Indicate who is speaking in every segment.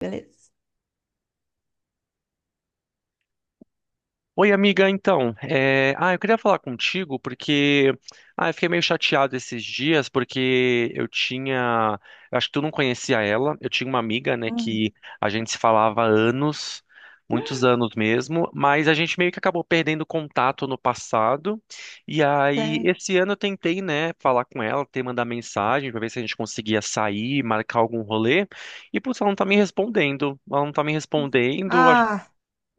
Speaker 1: Beleza.
Speaker 2: Oi, amiga, então, eu queria falar contigo porque, eu fiquei meio chateado esses dias porque eu acho que tu não conhecia ela, eu tinha uma amiga, né,
Speaker 1: Hum.
Speaker 2: que a gente se falava há anos, muitos anos mesmo, mas a gente meio que acabou perdendo contato no passado. E aí
Speaker 1: É.
Speaker 2: esse ano eu tentei, né, falar com ela, ter mandar mensagem pra ver se a gente conseguia sair, marcar algum rolê. E putz, ela não tá me respondendo, ela não tá me respondendo,
Speaker 1: Ah,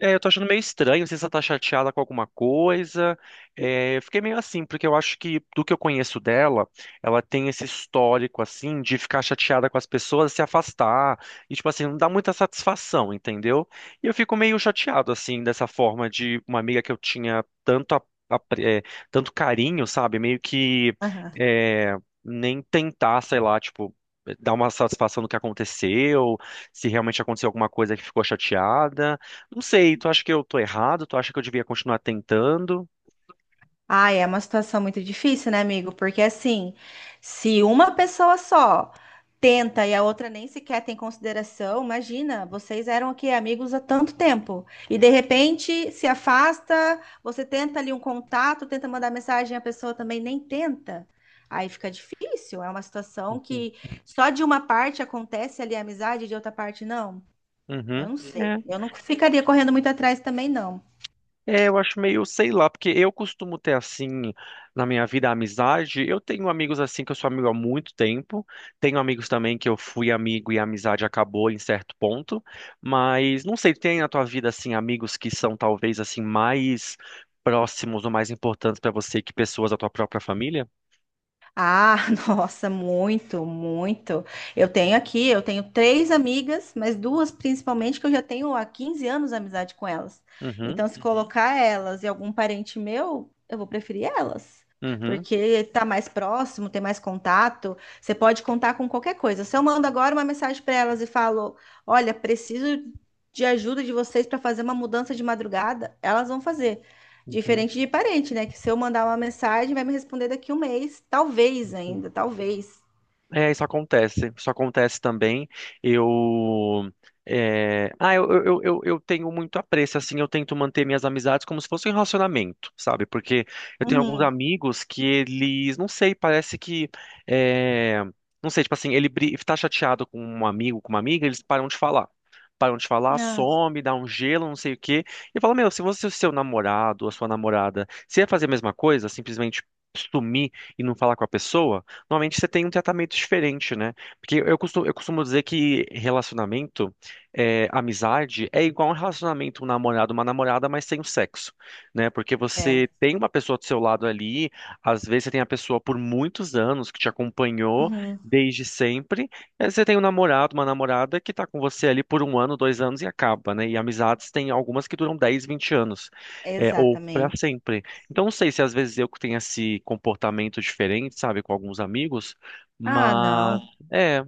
Speaker 2: é, eu tô achando meio estranho, não sei se ela tá chateada com alguma coisa. É, eu fiquei meio assim, porque eu acho que, do que eu conheço dela, ela tem esse histórico, assim, de ficar chateada com as pessoas, se afastar, e, tipo assim, não dá muita satisfação, entendeu? E eu fico meio chateado, assim, dessa forma de uma amiga que eu tinha tanto, a- é, tanto carinho, sabe? Meio que
Speaker 1: aham.
Speaker 2: é, nem tentar, sei lá, tipo. Dar uma satisfação no que aconteceu, se realmente aconteceu alguma coisa que ficou chateada. Não sei, tu acha que eu tô errado? Tu acha que eu devia continuar tentando?
Speaker 1: Ah, é uma situação muito difícil, né, amigo? Porque assim, se uma pessoa só tenta e a outra nem sequer tem consideração, imagina, vocês eram aqui amigos há tanto tempo e de repente se afasta, você tenta ali um contato, tenta mandar mensagem, a pessoa também nem tenta. Aí fica difícil, é uma situação
Speaker 2: Uhum.
Speaker 1: que só de uma parte acontece ali a amizade, de outra parte não. Eu
Speaker 2: Uhum.
Speaker 1: não sei.
Speaker 2: É,
Speaker 1: Eu não ficaria correndo muito atrás também, não.
Speaker 2: é, eu acho meio, sei lá, porque eu costumo ter assim na minha vida a amizade. Eu tenho amigos assim que eu sou amigo há muito tempo. Tenho amigos também que eu fui amigo e a amizade acabou em certo ponto. Mas não sei, tem na tua vida assim amigos que são talvez assim mais próximos ou mais importantes pra você que pessoas da tua própria família?
Speaker 1: Ah, nossa, muito, muito. Eu tenho aqui, eu tenho três amigas, mas duas principalmente que eu já tenho há 15 anos amizade com elas.
Speaker 2: Uhum,
Speaker 1: Então, se Uhum. colocar elas e algum parente meu, eu vou preferir elas.
Speaker 2: uhum,
Speaker 1: Porque tá mais próximo, tem mais contato, você pode contar com qualquer coisa. Se eu mando agora uma mensagem para elas e falo: "Olha, preciso de ajuda de vocês para fazer uma mudança de madrugada", elas vão fazer.
Speaker 2: uhum,
Speaker 1: Diferente de parente, né? Que se eu mandar uma mensagem, vai me responder daqui um mês. Talvez
Speaker 2: uhum.
Speaker 1: ainda, talvez.
Speaker 2: É, isso acontece. Isso acontece também. Eu. É, Ah, eu tenho muito apreço, assim, eu tento manter minhas amizades como se fosse um relacionamento, sabe? Porque eu tenho alguns
Speaker 1: Uhum.
Speaker 2: amigos que eles, não sei, parece que. é, Não sei, tipo assim, tá chateado com um amigo, com uma amiga, eles param de falar. Param de falar,
Speaker 1: Ah,
Speaker 2: some, dá um gelo, não sei o quê. E fala, meu, se você, o seu namorado, a sua namorada, se ia fazer a mesma coisa, simplesmente sumir e não falar com a pessoa normalmente você tem um tratamento diferente, né? Porque eu costumo dizer que relacionamento, amizade, é igual um relacionamento, um namorado, uma namorada, mas sem o sexo, né? Porque
Speaker 1: é.
Speaker 2: você tem uma pessoa do seu lado ali, às vezes você tem a pessoa por muitos anos que te acompanhou
Speaker 1: Uhum.
Speaker 2: desde sempre, e aí você tem um namorado, uma namorada que tá com você ali por um ano, dois anos e acaba, né? E amizades tem algumas que duram 10 20 anos,
Speaker 1: É.
Speaker 2: é, ou para
Speaker 1: Exatamente.
Speaker 2: sempre. Então, não sei se às vezes eu que tenho esse comportamento diferente, sabe, com alguns amigos,
Speaker 1: Ah,
Speaker 2: mas
Speaker 1: não.
Speaker 2: é,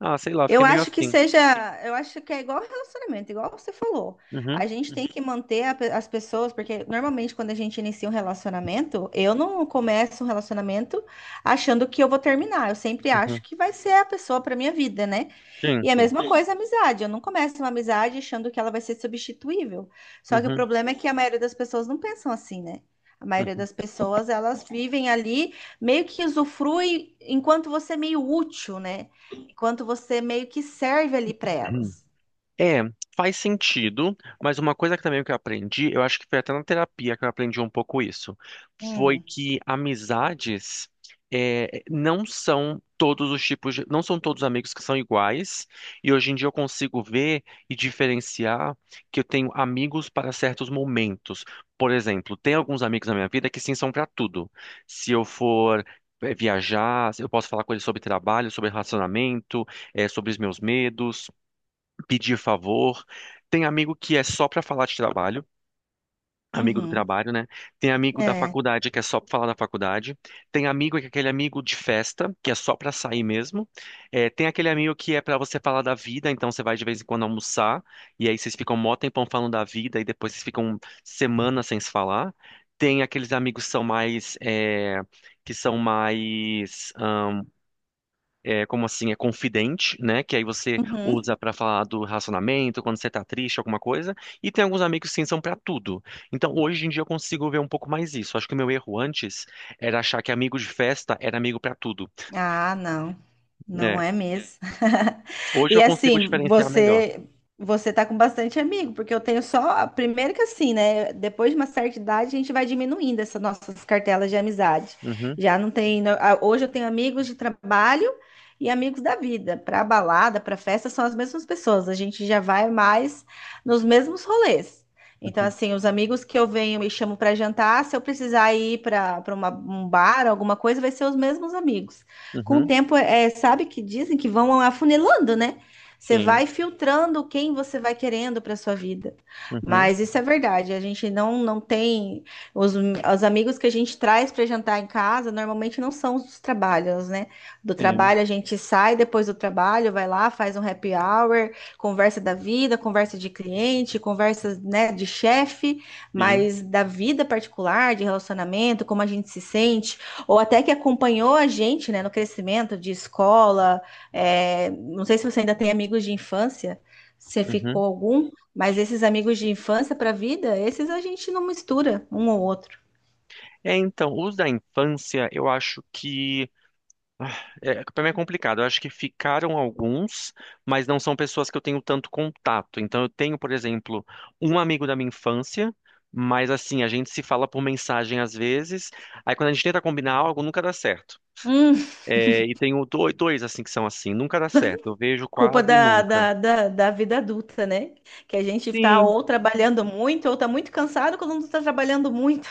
Speaker 2: sei lá, fica
Speaker 1: Eu
Speaker 2: meio
Speaker 1: acho que
Speaker 2: assim.
Speaker 1: seja, eu acho que é igual relacionamento, igual você falou.
Speaker 2: Uhum,
Speaker 1: A gente tem que manter as pessoas, porque normalmente quando a gente inicia um relacionamento, eu não começo um relacionamento achando que eu vou terminar. Eu sempre acho
Speaker 2: uhum,
Speaker 1: que vai ser a pessoa para minha vida, né?
Speaker 2: sim,
Speaker 1: E a
Speaker 2: sim,
Speaker 1: mesma Sim. coisa a amizade. Eu não começo uma amizade achando que ela vai ser substituível. Só que o
Speaker 2: uhum,
Speaker 1: problema é que a maioria das pessoas não pensam assim, né? A maioria
Speaker 2: uhum.
Speaker 1: das pessoas, elas vivem ali, meio que usufrui enquanto você é meio útil, né? Enquanto você meio que serve ali para elas.
Speaker 2: É, faz sentido, mas uma coisa que também que eu aprendi, eu acho que foi até na terapia que eu aprendi um pouco isso, foi
Speaker 1: Hum.
Speaker 2: que amizades não são todos os tipos de, não são todos os amigos que são iguais, e hoje em dia eu consigo ver e diferenciar que eu tenho amigos para certos momentos. Por exemplo, tem alguns amigos na minha vida que sim são para tudo. Se eu for viajar, eu posso falar com eles sobre trabalho, sobre relacionamento, sobre os meus medos pedir favor. Tem amigo que é só para falar de trabalho, amigo do
Speaker 1: Uhum.
Speaker 2: trabalho, né? Tem amigo da
Speaker 1: É.
Speaker 2: faculdade que é só para falar da faculdade. Tem amigo que é aquele amigo de festa, que é só para sair mesmo. É, tem aquele amigo que é para você falar da vida, então você vai de vez em quando almoçar, e aí vocês ficam um mó tempão falando da vida, e depois vocês ficam semanas sem se falar. Tem aqueles amigos que são mais, como assim, é confidente, né? Que aí você
Speaker 1: Uhum.
Speaker 2: usa pra falar do relacionamento, quando você tá triste, alguma coisa. E tem alguns amigos que sim são pra tudo. Então, hoje em dia eu consigo ver um pouco mais isso. Acho que o meu erro antes era achar que amigo de festa era amigo pra tudo.
Speaker 1: Ah, não,
Speaker 2: É,
Speaker 1: não é É. mesmo.
Speaker 2: hoje
Speaker 1: E
Speaker 2: eu consigo
Speaker 1: assim,
Speaker 2: diferenciar melhor.
Speaker 1: você tá com bastante amigo, porque eu tenho só, primeiro que assim, né, depois de uma certa idade a gente vai diminuindo essas nossas cartelas de amizade.
Speaker 2: Uhum,
Speaker 1: Já não tem, hoje eu tenho amigos de trabalho e amigos da vida. Para balada, para festa são as mesmas pessoas, a gente já vai mais nos mesmos rolês. Então,
Speaker 2: uhum,
Speaker 1: assim, os amigos que eu venho e chamo para jantar, se eu precisar ir para um bar, alguma coisa, vai ser os mesmos amigos com o
Speaker 2: uhum,
Speaker 1: tempo, é, sabe que dizem que vão afunilando, né? Você
Speaker 2: sim,
Speaker 1: vai filtrando quem você vai querendo para sua vida.
Speaker 2: uhum,
Speaker 1: Mas isso é verdade, a gente não, não tem os amigos que a gente traz para jantar em casa, normalmente não são os dos trabalhos, né? Do
Speaker 2: sim,
Speaker 1: trabalho a gente sai depois do trabalho, vai lá, faz um happy hour, conversa da vida, conversa de cliente, conversa, né, de chefe,
Speaker 2: sim.
Speaker 1: mas da vida particular, de relacionamento, como a gente se sente, ou até que acompanhou a gente, né, no crescimento de escola. É, não sei se você ainda tem amigos de infância, se
Speaker 2: Uhum.
Speaker 1: ficou algum, mas esses amigos de infância para a vida, esses a gente não mistura um ou outro.
Speaker 2: É, então, os da infância, eu acho que é, para mim é complicado. Eu acho que ficaram alguns, mas não são pessoas que eu tenho tanto contato. Então eu tenho, por exemplo, um amigo da minha infância, mas assim, a gente se fala por mensagem às vezes. Aí quando a gente tenta combinar algo, nunca dá certo.
Speaker 1: Hum,
Speaker 2: É, e tenho dois assim que são assim, nunca dá certo. Eu vejo
Speaker 1: culpa
Speaker 2: quase
Speaker 1: da,
Speaker 2: nunca.
Speaker 1: da, da, da vida adulta, né? Que a gente está
Speaker 2: Sim,
Speaker 1: ou trabalhando muito, ou está muito cansado quando não está trabalhando muito.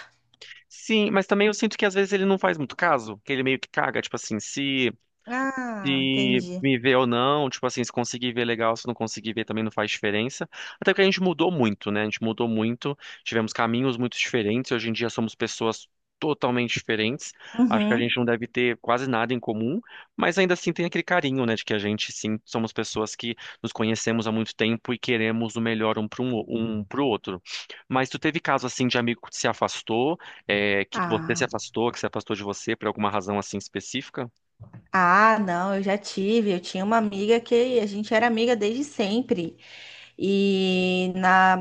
Speaker 2: sim, mas também eu sinto que às vezes ele não faz muito caso, que ele meio que caga, tipo assim, se
Speaker 1: Ah,
Speaker 2: se
Speaker 1: entendi.
Speaker 2: me ver ou não, tipo assim, se conseguir ver legal, se não conseguir ver também não faz diferença. Até porque a gente mudou muito, né? A gente mudou muito, tivemos caminhos muito diferentes, hoje em dia somos pessoas totalmente diferentes. Acho que a
Speaker 1: Uhum.
Speaker 2: gente não deve ter quase nada em comum, mas ainda assim tem aquele carinho, né, de que a gente sim somos pessoas que nos conhecemos há muito tempo e queremos o melhor um para um, um pro outro. Mas tu teve caso assim de amigo que se afastou, é, que você se
Speaker 1: Ah.
Speaker 2: afastou, que se afastou de você por alguma razão assim específica?
Speaker 1: Ah, não, eu já tive. Eu tinha uma amiga que a gente era amiga desde sempre. E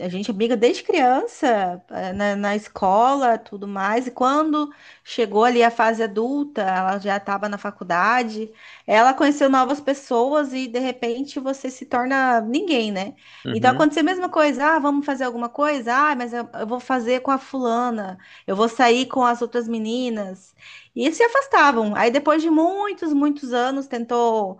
Speaker 1: a gente é amiga desde criança, na escola, tudo mais. E quando chegou ali a fase adulta, ela já estava na faculdade, ela conheceu novas pessoas e de repente você se torna ninguém, né? Então
Speaker 2: Uhum.
Speaker 1: aconteceu a mesma coisa, ah, vamos fazer alguma coisa? Ah, mas eu vou fazer com a fulana, eu vou sair com as outras meninas. E se afastavam. Aí depois de muitos, muitos anos, tentou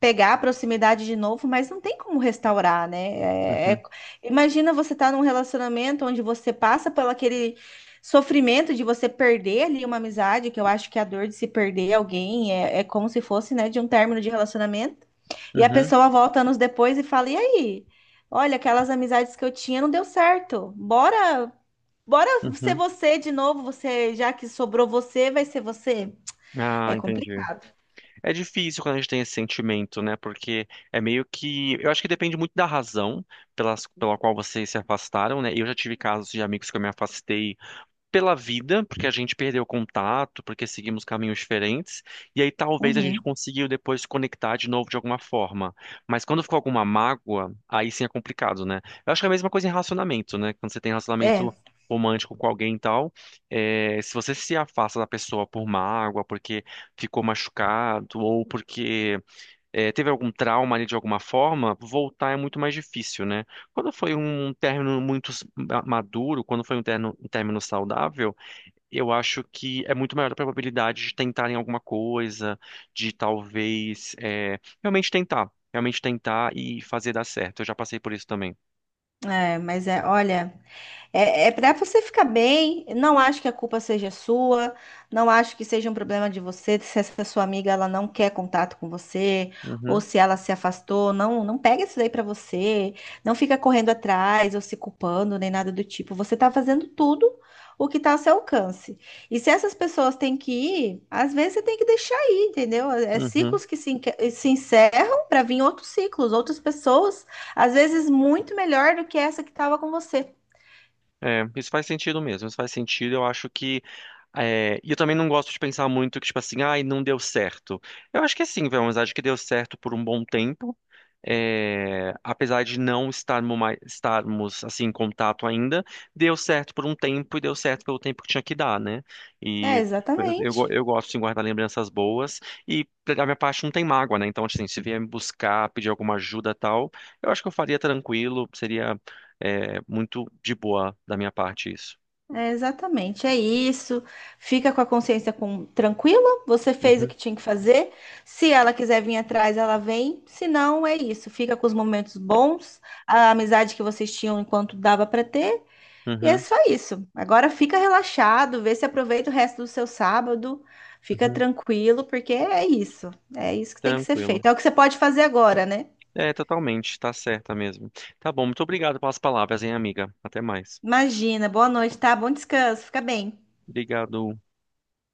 Speaker 1: pegar a proximidade de novo, mas não tem como restaurar, né?
Speaker 2: Uhum.
Speaker 1: Imagina você estar num relacionamento onde você passa por aquele sofrimento de você perder ali uma amizade, que eu acho que a dor de se perder alguém é, é como se fosse, né, de um término de relacionamento. E a
Speaker 2: Uhum,
Speaker 1: pessoa volta anos depois e fala: E aí? Olha, aquelas amizades que eu tinha não deu certo. Bora, bora ser
Speaker 2: uhum.
Speaker 1: você de novo. Você, já que sobrou você, vai ser você. É
Speaker 2: Ah, entendi.
Speaker 1: complicado.
Speaker 2: É difícil quando a gente tem esse sentimento, né? Porque é meio que. Eu acho que depende muito da razão pelas, pela qual vocês se afastaram, né? Eu já tive casos de amigos que eu me afastei pela vida, porque a gente perdeu contato, porque seguimos caminhos diferentes, e aí talvez a gente
Speaker 1: Uhum.
Speaker 2: conseguiu depois se conectar de novo de alguma forma. Mas quando ficou alguma mágoa, aí sim é complicado, né? Eu acho que é a mesma coisa em relacionamento, né? Quando você tem
Speaker 1: É.
Speaker 2: relacionamento romântico com alguém e tal, é, se você se afasta da pessoa por mágoa, porque ficou machucado, ou porque é, teve algum trauma ali de alguma forma, voltar é muito mais difícil, né? Quando foi um término muito maduro, quando foi um término saudável, eu acho que é muito maior a probabilidade de tentarem alguma coisa, de talvez realmente tentar e fazer dar certo. Eu já passei por isso também.
Speaker 1: Olha, é para você ficar bem. Não acho que a culpa seja sua. Não acho que seja um problema de você. Se essa sua amiga ela não quer contato com você ou
Speaker 2: Uhum,
Speaker 1: se ela se afastou, não, não pega isso daí pra você. Não fica correndo atrás ou se culpando nem nada do tipo. Você tá fazendo tudo o que tá ao seu alcance. E se essas pessoas têm que ir, às vezes você tem que deixar ir, entendeu? É é
Speaker 2: uhum.
Speaker 1: ciclos que se encerram pra vir outros ciclos, outras pessoas, às vezes muito melhor do que essa que tava com você.
Speaker 2: É, isso faz sentido mesmo, isso faz sentido. Eu acho que. E eu também não gosto de pensar muito que, tipo assim, ai, não deu certo. Eu acho que assim, foi uma amizade que deu certo por um bom tempo. Apesar de não estarmos, mais, estarmos assim, em contato ainda, deu certo por um tempo e deu certo pelo tempo que tinha que dar, né?
Speaker 1: É
Speaker 2: E eu, eu, go-
Speaker 1: exatamente.
Speaker 2: eu gosto de guardar lembranças boas e da minha parte não tem mágoa, né? Então, assim, se vier me buscar, pedir alguma ajuda e tal, eu acho que eu faria tranquilo, seria. É muito de boa da minha parte isso.
Speaker 1: É exatamente. É isso. Fica com a consciência tranquila. Você fez o
Speaker 2: Uhum,
Speaker 1: que tinha que fazer. Se ela quiser vir atrás, ela vem. Se não, é isso. Fica com os momentos bons, a amizade que vocês tinham enquanto dava para ter. E é
Speaker 2: uhum,
Speaker 1: só isso. Agora fica relaxado, vê se aproveita o resto do seu sábado. Fica
Speaker 2: uhum.
Speaker 1: tranquilo, porque é isso. É isso que tem que ser
Speaker 2: Tranquilo.
Speaker 1: feito. É o que você pode fazer agora, né?
Speaker 2: É, totalmente, tá certa mesmo. Tá bom, muito obrigado pelas palavras, hein, amiga. Até mais.
Speaker 1: Imagina. Boa noite, tá? Bom descanso. Fica bem.
Speaker 2: Obrigado.